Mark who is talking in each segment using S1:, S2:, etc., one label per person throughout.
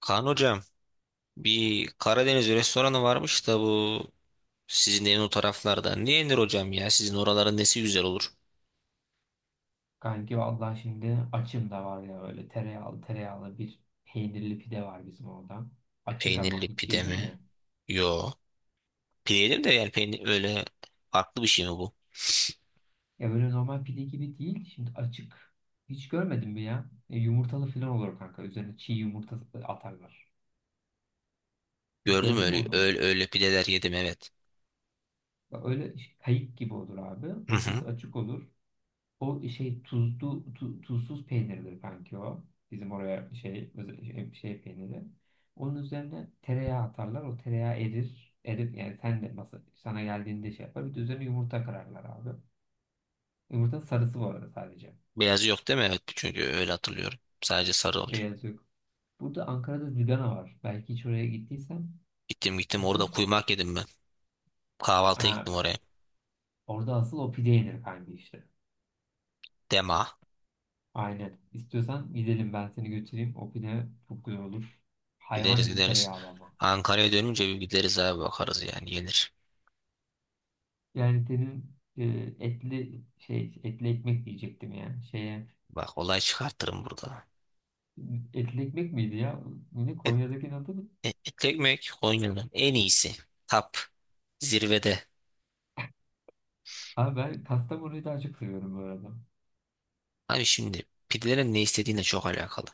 S1: Kaan hocam bir Karadeniz restoranı varmış da bu sizin evin o taraflarda. Niye yenir hocam ya? Sizin oraların nesi güzel olur?
S2: Kanki vallahi şimdi açım da var ya böyle tereyağlı bir peynirli pide var bizim orada. Açık
S1: Peynirli
S2: ama hiç
S1: pide
S2: yedin
S1: mi?
S2: mi?
S1: Yo. Pide yedim de yani peynir öyle farklı bir şey mi bu?
S2: Ya böyle normal pide gibi değil. Şimdi açık. Hiç görmedin mi ya? Yumurtalı falan olur kanka. Üzerine çiğ yumurta atarlar. Hiç
S1: Gördüm
S2: gördün mü
S1: öyle
S2: onu?
S1: öyle, öyle pideler yedim evet.
S2: Bak öyle kayık gibi olur abi.
S1: Hı hı.
S2: Ortası açık olur. O şey tuzlu tuzsuz peynirdir kanki o. Bizim oraya şey şey peyniri. Onun üzerine tereyağı atarlar. O tereyağı erir. Erir yani sen de masa, sana geldiğinde şey yapar. Bir de üzerine yumurta kırarlar abi. Yumurtanın sarısı bu arada sadece.
S1: Beyazı yok değil mi? Evet çünkü öyle hatırlıyorum. Sadece sarı oluyor.
S2: Beyaz yok. Burada Ankara'da Zigana var. Belki hiç oraya gittiysen
S1: Gittim gittim orada
S2: gittim.
S1: kuymak yedim ben. Kahvaltıya gittim
S2: Ha,
S1: oraya.
S2: orada asıl o pide yenir kanki işte.
S1: Dema.
S2: Aynen. İstiyorsan gidelim ben seni götüreyim. O pide çok güzel olur. Hayvan
S1: Gideriz
S2: gibi
S1: gideriz.
S2: tereyağlı ama.
S1: Ankara'ya dönünce bir gideriz abi bakarız yani yenir.
S2: Yani senin etli ekmek diyecektim yani şeye
S1: Bak olay çıkartırım burada.
S2: etli ekmek miydi ya? Ne Konya'dakinin adı mı?
S1: Etli Ekmek Konya'nın en iyisi. Tap. Zirvede.
S2: Abi ben Kastamonu'yu daha çok seviyorum bu arada.
S1: Abi şimdi pidelerin ne istediğine çok alakalı.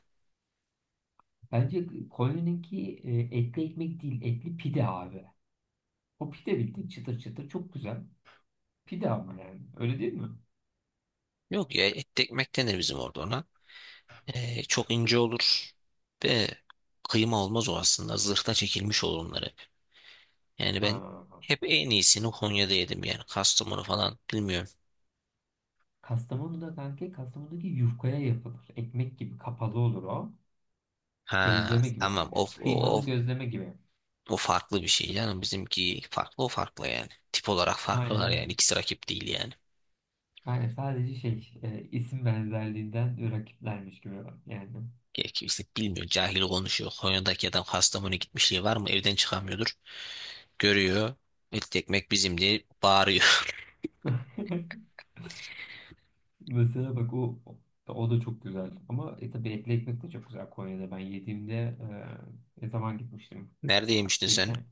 S2: Bence Konya'nınki etli ekmek değil etli pide abi. O pide bildiğin çıtır çıtır çok güzel. Pide ama yani öyle değil mi?
S1: Yok ya et ekmek denir bizim orada ona. E, çok ince olur. Ve kıyma olmaz o aslında. Zırhta çekilmiş olur onlar hep. Yani ben
S2: Ha.
S1: hep en iyisini Konya'da yedim yani. Kastamonu falan bilmiyorum.
S2: Kastamonu'da kanka Kastamonu'daki yufkaya yapılır. Ekmek gibi kapalı olur o.
S1: Ha
S2: Gözleme gibi
S1: tamam o,
S2: yani.
S1: o,
S2: Kıymalı
S1: o,
S2: gözleme gibi.
S1: o farklı bir şey canım. Bizimki farklı o farklı yani. Tip olarak
S2: Aynen
S1: farklılar
S2: öyle.
S1: yani. İkisi rakip değil yani.
S2: Yani sadece şey isim benzerliğinden rakiplermiş gibi yani.
S1: Ya kimse bilmiyor. Cahil konuşuyor. Konya'daki adam Kastamonu'ya gitmişliği var mı? Evden çıkamıyordur. Görüyor. İlk ekmek bizim diye bağırıyor.
S2: Mesela bak o da çok güzel. Ama tabii etli ekmek de çok güzel Konya'da. Ben yediğimde ne zaman gitmiştim?
S1: Nerede yemiştin sen?
S2: Geçen.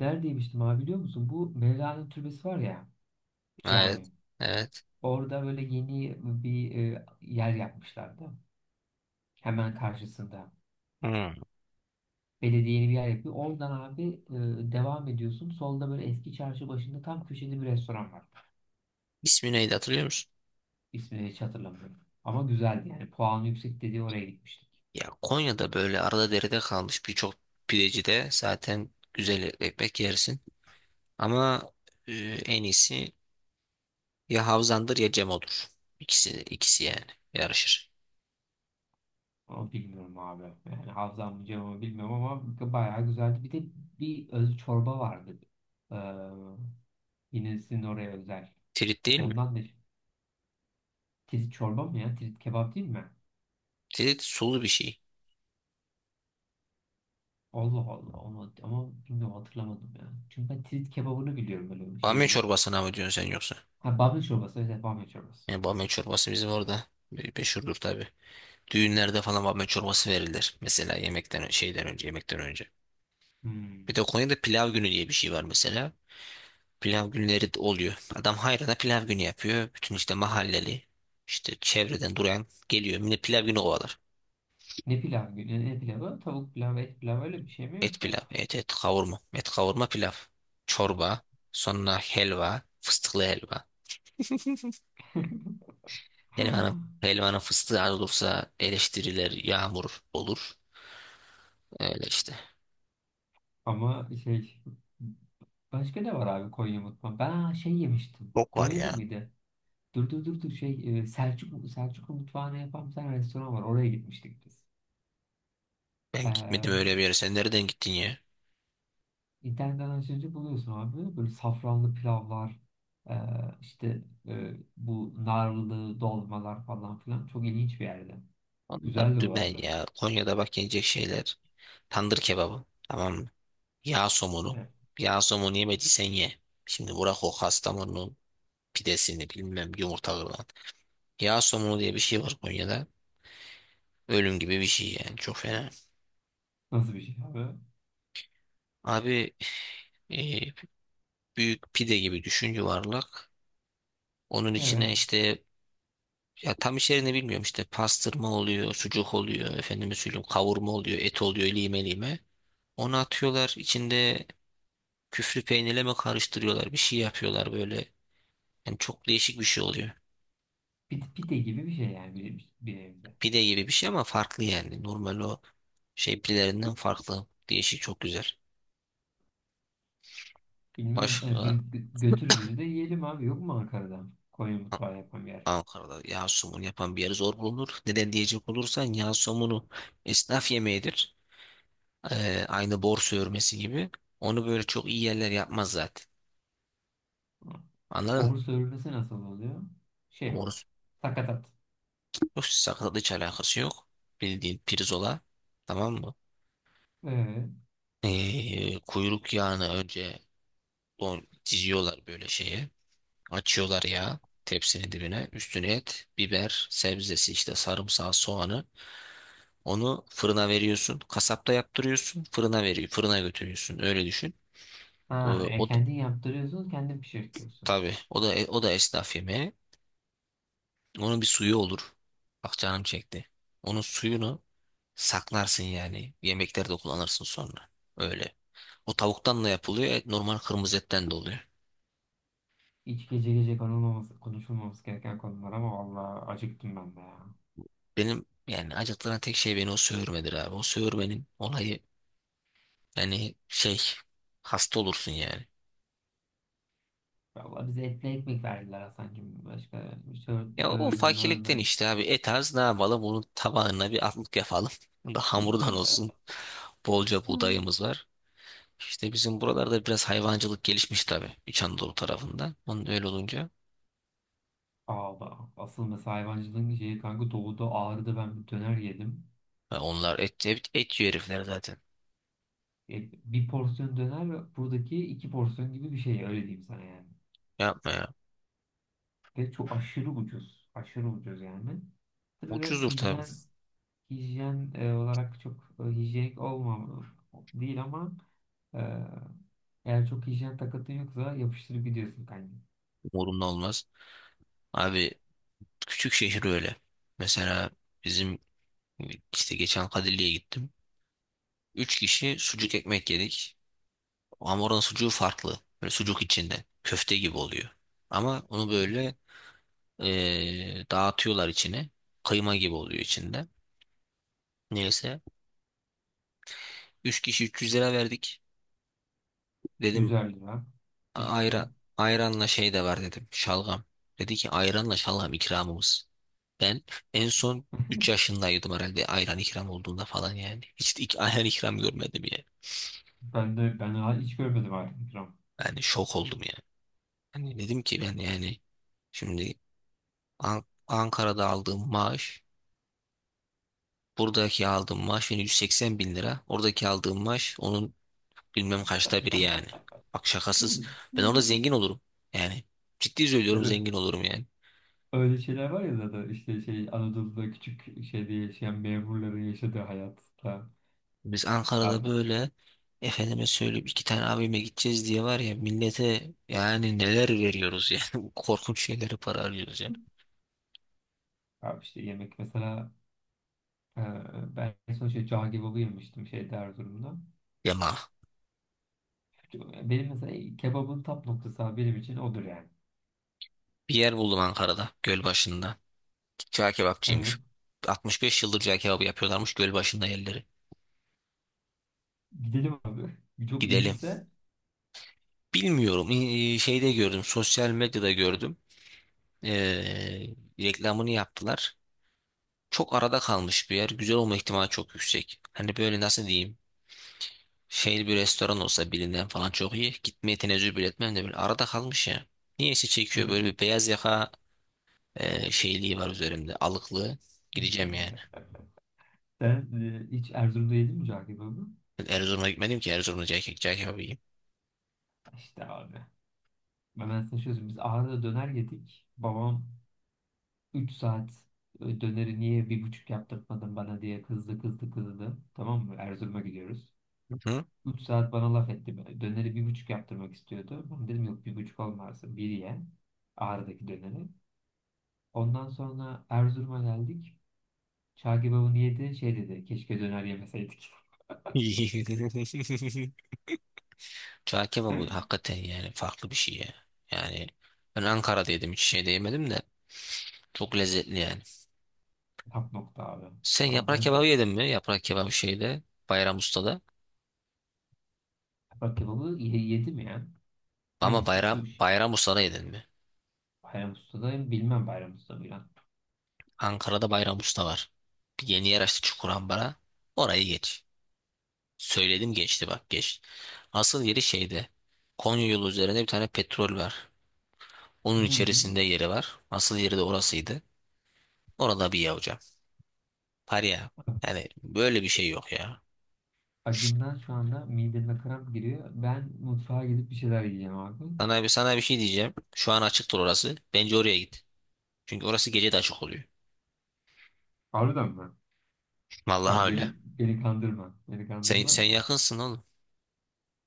S2: Nerede yemiştim abi biliyor musun? Bu Mevlana Türbesi var ya
S1: Evet.
S2: cami.
S1: Evet.
S2: Orada böyle yeni bir yer yapmışlardı. Hemen karşısında.
S1: Hmm.
S2: Belediye yeni bir yer yapıyor. Oradan abi devam ediyorsun. Solda böyle eski çarşı başında tam köşede bir restoran var.
S1: İsmi neydi hatırlıyor musun?
S2: İsmini hiç hatırlamıyorum. Ama güzeldi yani. Puan yüksek dediği oraya gitmiştik.
S1: Ya Konya'da böyle arada derede kalmış birçok pidecide zaten güzel etli ekmek yersin. Ama e, en iyisi ya Havzan'dır ya Cemo'dur. İkisi yani yarışır.
S2: Ama bilmiyorum abi. Yani hafızam mı cevabı bilmiyorum ama bayağı güzeldi. Bir de bir öz çorba vardı. Ee, Yine sizin oraya özel.
S1: Tirit değil mi?
S2: Ondan da tirit çorba mı ya? Tirit kebap değil mi?
S1: Tirit sulu bir şey.
S2: Allah Allah. Onu, ama bilmiyorum hatırlamadım ya. Çünkü ben tirit kebabını biliyorum böyle
S1: Bamya
S2: şeyli.
S1: çorbasına mı diyorsun sen yoksa?
S2: Ha bamya çorbası. Evet evet, bamya çorbası.
S1: Yani bamya çorbası bizim orada meşhurdur tabii. Düğünlerde falan bamya çorbası verilir. Mesela yemekten şeyden önce, yemekten önce. Bir
S2: Hmm.
S1: de Konya'da pilav günü diye bir şey var mesela. Pilav günleri de oluyor. Adam hayrana pilav günü yapıyor. Bütün işte mahalleli, işte çevreden duran geliyor. Yine pilav günü kovalar.
S2: Ne pilav günü? Ne pilavı? Tavuk pilavı, et pilavı öyle bir şey mi
S1: Et
S2: yoksa?
S1: pilav, et et kavurma. Et kavurma pilav. Çorba, sonra helva, fıstıklı helva. Helvanın, helvanın fıstığı az olursa eleştiriler yağmur olur. Öyle işte.
S2: Ama şey başka ne var abi Konya mutfağı? Ben ha, şey yemiştim.
S1: Çok var
S2: Konya'da
S1: ya.
S2: mıydı? Dur şey Selçuklu mutfağına yapan bir tane restoran var. Oraya gitmiştik biz.
S1: Ben gitmedim
S2: Ee,
S1: öyle bir yere. Sen nereden gittin ya?
S2: internetten açınca buluyorsun abi. Böyle safranlı pilavlar e, işte bu narlı dolmalar falan filan. Çok ilginç bir yerde.
S1: Onlar
S2: Güzeldi bu
S1: dümen
S2: arada.
S1: ya. Konya'da bak yenecek şeyler. Tandır kebabı. Tamam mı? Yağ somunu.
S2: Evet.
S1: Yağ somunu yemediysen ye. Şimdi bırak o Kastamonu pidesini bilmem yumurta kırılan. Yağ somunu diye bir şey var Konya'da. Ölüm gibi bir şey yani. Çok fena.
S2: Nasıl bir şey abi?
S1: Abi e, büyük pide gibi düşün yuvarlak. Onun içine
S2: Evet.
S1: işte ya tam içeriğini bilmiyorum işte pastırma oluyor, sucuk oluyor, efendime söyleyeyim kavurma oluyor, et oluyor lime lime. Onu atıyorlar içinde küflü peynirle mi karıştırıyorlar bir şey yapıyorlar böyle. Yani çok değişik bir şey oluyor.
S2: Pide gibi bir şey yani bir evde.
S1: Pide gibi bir şey ama farklı yani. Normal o şey pidelerinden farklı. Değişik çok güzel.
S2: Bilmiyorum. Yani
S1: Başka
S2: biz götür bizi de yiyelim abi. Yok mu Ankara'da? Konya
S1: A-
S2: mutfağı yapan bir yer.
S1: Ankara'da yağ somunu yapan bir yer zor bulunur. Neden diyecek olursan yağ somunu esnaf yemeğidir. Aynı borsa örmesi gibi. Onu böyle çok iyi yerler yapmaz zaten.
S2: Hı.
S1: Anladın
S2: Bor sörmesi nasıl oluyor? Şey o.
S1: mı?
S2: Sakatat.
S1: Borsa sakatlık hiç alakası yok. Bildiğin pirzola. Tamam mı?
S2: Ee,
S1: Kuyruk yağını önce don diziyorlar böyle şeye. Açıyorlar yağı tepsinin dibine. Üstüne et, biber, sebzesi işte sarımsağı, soğanı. Onu fırına veriyorsun. Kasapta yaptırıyorsun. Fırına veriyor. Fırına götürüyorsun. Öyle düşün. O, o da,
S2: Kendin yaptırıyorsun, kendin pişirtiyorsun.
S1: tabii o da esnaf yemeği. Onun bir suyu olur. Bak canım çekti. Onun suyunu saklarsın yani. Yemeklerde kullanırsın sonra. Öyle. O tavuktan da yapılıyor. Et normal kırmızı etten de oluyor.
S2: Hiç gece gece konulmaması, konuşulmaması gereken konular ama vallahi acıktım ben de ya.
S1: Benim yani acıttıran tek şey beni o söğürmedir abi. O söğürmenin olayı yani şey hasta olursun yani.
S2: Vallahi bize etli ekmek verdiler Hasan'cığım. Başka
S1: Ya o
S2: sörme,
S1: fakirlikten
S2: mörme.
S1: işte abi et az ne yapalım bunun tabağına bir atlık yapalım. Bu Da hamurdan olsun. Bolca
S2: Hı.
S1: buğdayımız var. İşte bizim buralarda biraz hayvancılık gelişmiş tabii. İç Anadolu tarafında. Onun öyle olunca.
S2: Aa, bak, asıl mesela hayvancılığın şeyi kanka doğuda Ağrı'da ben bir döner yedim.
S1: Ya onlar et yiyor herifler zaten.
S2: Yani bir porsiyon döner ve buradaki iki porsiyon gibi bir şey öyle diyeyim sana yani.
S1: Yapma ya.
S2: Ve çok aşırı ucuz. Aşırı ucuz yani. Tabii biraz
S1: Ucuzdur tabii.
S2: hijyen olarak çok hijyenik olmam değil ama e, eğer çok hijyen takıntın yoksa yapıştırıp gidiyorsun kanka.
S1: Umurumda olmaz. Abi küçük şehir öyle. Mesela bizim işte geçen Kadirli'ye gittim. Üç kişi sucuk ekmek yedik. Ama oranın sucuğu farklı. Böyle sucuk içinde. Köfte gibi oluyor. Ama onu böyle dağıtıyorlar içine. Kıyma gibi oluyor içinde. Neyse. Üç kişi 300 lira verdik. Dedim
S2: 100'er lira. Hiçbir şey.
S1: ayra, ayranla şey de var dedim. Şalgam. Dedi ki ayranla şalgam ikramımız. Ben en son 3 yaşındaydım herhalde ayran ikram olduğunda falan yani. Hiç de ayran ikram görmedim yani.
S2: Ben daha hiç görmedim artık ikram.
S1: Yani şok oldum yani. Hani dedim ki ben yani şimdi Ankara'da aldığım maaş, buradaki aldığım maaş yani 180 bin lira. Oradaki aldığım maaş onun bilmem kaçta biri yani. Bak şakasız. Ben orada zengin olurum. Yani ciddi söylüyorum
S2: Evet.
S1: zengin olurum yani.
S2: Öyle şeyler var ya zaten işte şey Anadolu'da küçük şeyde yaşayan memurların yaşadığı hayatta.
S1: Biz Ankara'da
S2: Abi,
S1: böyle efendime söyleyip iki tane abime gideceğiz diye var ya millete yani neler veriyoruz yani. Korkunç şeyleri para harcıyoruz yani.
S2: Abi işte yemek mesela e, ben en son şey cağ kebabı yemiştim şeyde Erzurum'da.
S1: Yama.
S2: Benim mesela kebabın tap noktası abi benim için odur yani.
S1: Bir yer buldum Ankara'da Gölbaşı'nda. Cağ
S2: Evet.
S1: kebapçıymış. 65 yıldır cağ kebabı yapıyorlarmış Gölbaşı'nda yerleri.
S2: Gidelim abi. Çok
S1: Gidelim.
S2: iyiyse
S1: Bilmiyorum. Şeyde gördüm. Sosyal medyada gördüm. Ee, reklamını yaptılar. Çok arada kalmış bir yer. Güzel olma ihtimali çok yüksek. Hani böyle nasıl diyeyim? Şey bir restoran olsa bilinen falan çok iyi. Gitmeye tenezzül bile etmem de böyle arada kalmış ya. Niyeyse
S2: hı.
S1: çekiyor böyle bir beyaz yaka şeyliği var üzerimde. Alıklı. Gideceğim yani.
S2: Sen hiç Erzurum'da yedin mi cağ kebabı?
S1: Ben Erzurum'a gitmedim ki Erzurum'da cahil kebabı yiyeyim.
S2: İşte abi. Ben sana şöyle söyleyeyim. Biz Ağrı'da döner yedik. Babam 3 saat döneri niye bir buçuk yaptırmadın bana diye kızdı. Tamam mı? Erzurum'a gidiyoruz.
S1: Hı?
S2: 3 saat bana laf etti. Böyle. Döneri bir buçuk yaptırmak istiyordu. Ben dedim yok bir buçuk olmaz. Bir ye. Ağrı'daki döneri. Ondan sonra Erzurum'a geldik. Çağ kebabını yedi. Şey dedi. Keşke döner yemeseydik.
S1: Çağ kebabı hakikaten yani farklı bir şey ya. Yani ben Ankara'da yedim hiç şeyde yemedim de çok lezzetli yani.
S2: Tap nokta abi.
S1: Sen
S2: Abi
S1: yaprak
S2: ben çok...
S1: kebabı yedin mi? Yaprak kebabı şeyde Bayram Usta'da.
S2: Bak kebabı yedim ya.
S1: Ama
S2: Hangisi?
S1: Bayram Bayram Usta'da yedin mi?
S2: Bayram Usta'da bilmem Bayram Usta mı lan.
S1: Ankara'da Bayram Usta var. Bir yeni yer açtı Çukurambar'a. Orayı geç. Söyledim geçti bak geç. Asıl yeri şeyde. Konya yolu üzerinde bir tane petrol var. Onun içerisinde yeri var. Asıl yeri de orasıydı. Orada bir ye hocam. Var ya.
S2: Hı.
S1: Yani böyle bir şey yok ya.
S2: Acımdan şu anda mideme kramp giriyor. Ben mutfağa gidip bir şeyler yiyeceğim abi.
S1: Sana bir şey diyeceğim. Şu an açıktır orası. Bence oraya git. Çünkü orası gece de açık oluyor.
S2: Harbiden mi? Bak
S1: Vallahi öyle.
S2: beni kandırma. Beni
S1: Sen
S2: kandırma.
S1: yakınsın oğlum.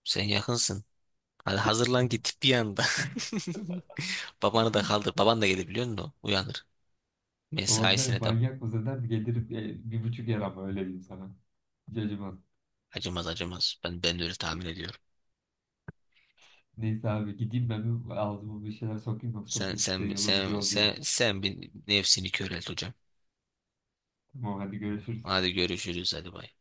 S1: Sen yakınsın. Hadi hazırlan git bir anda. Babanı da kaldır. Baban da gelir biliyor musun o? Uyanır.
S2: Babam der
S1: Mesaisine de
S2: manyak mısın der gelirim bir buçuk yer ama öyle diyeyim sana. Hiç acımaz.
S1: acımaz acımaz. Ben de öyle tahmin ediyorum.
S2: Neyse abi gideyim ben bir ağzıma bir şeyler sokayım yoksa bu
S1: Sen
S2: gidişte
S1: sen
S2: yolumuz
S1: sen
S2: yol değil.
S1: sen sen bir nefsini körelt hocam.
S2: Tamam hadi görüşürüz.
S1: Hadi görüşürüz hadi bay.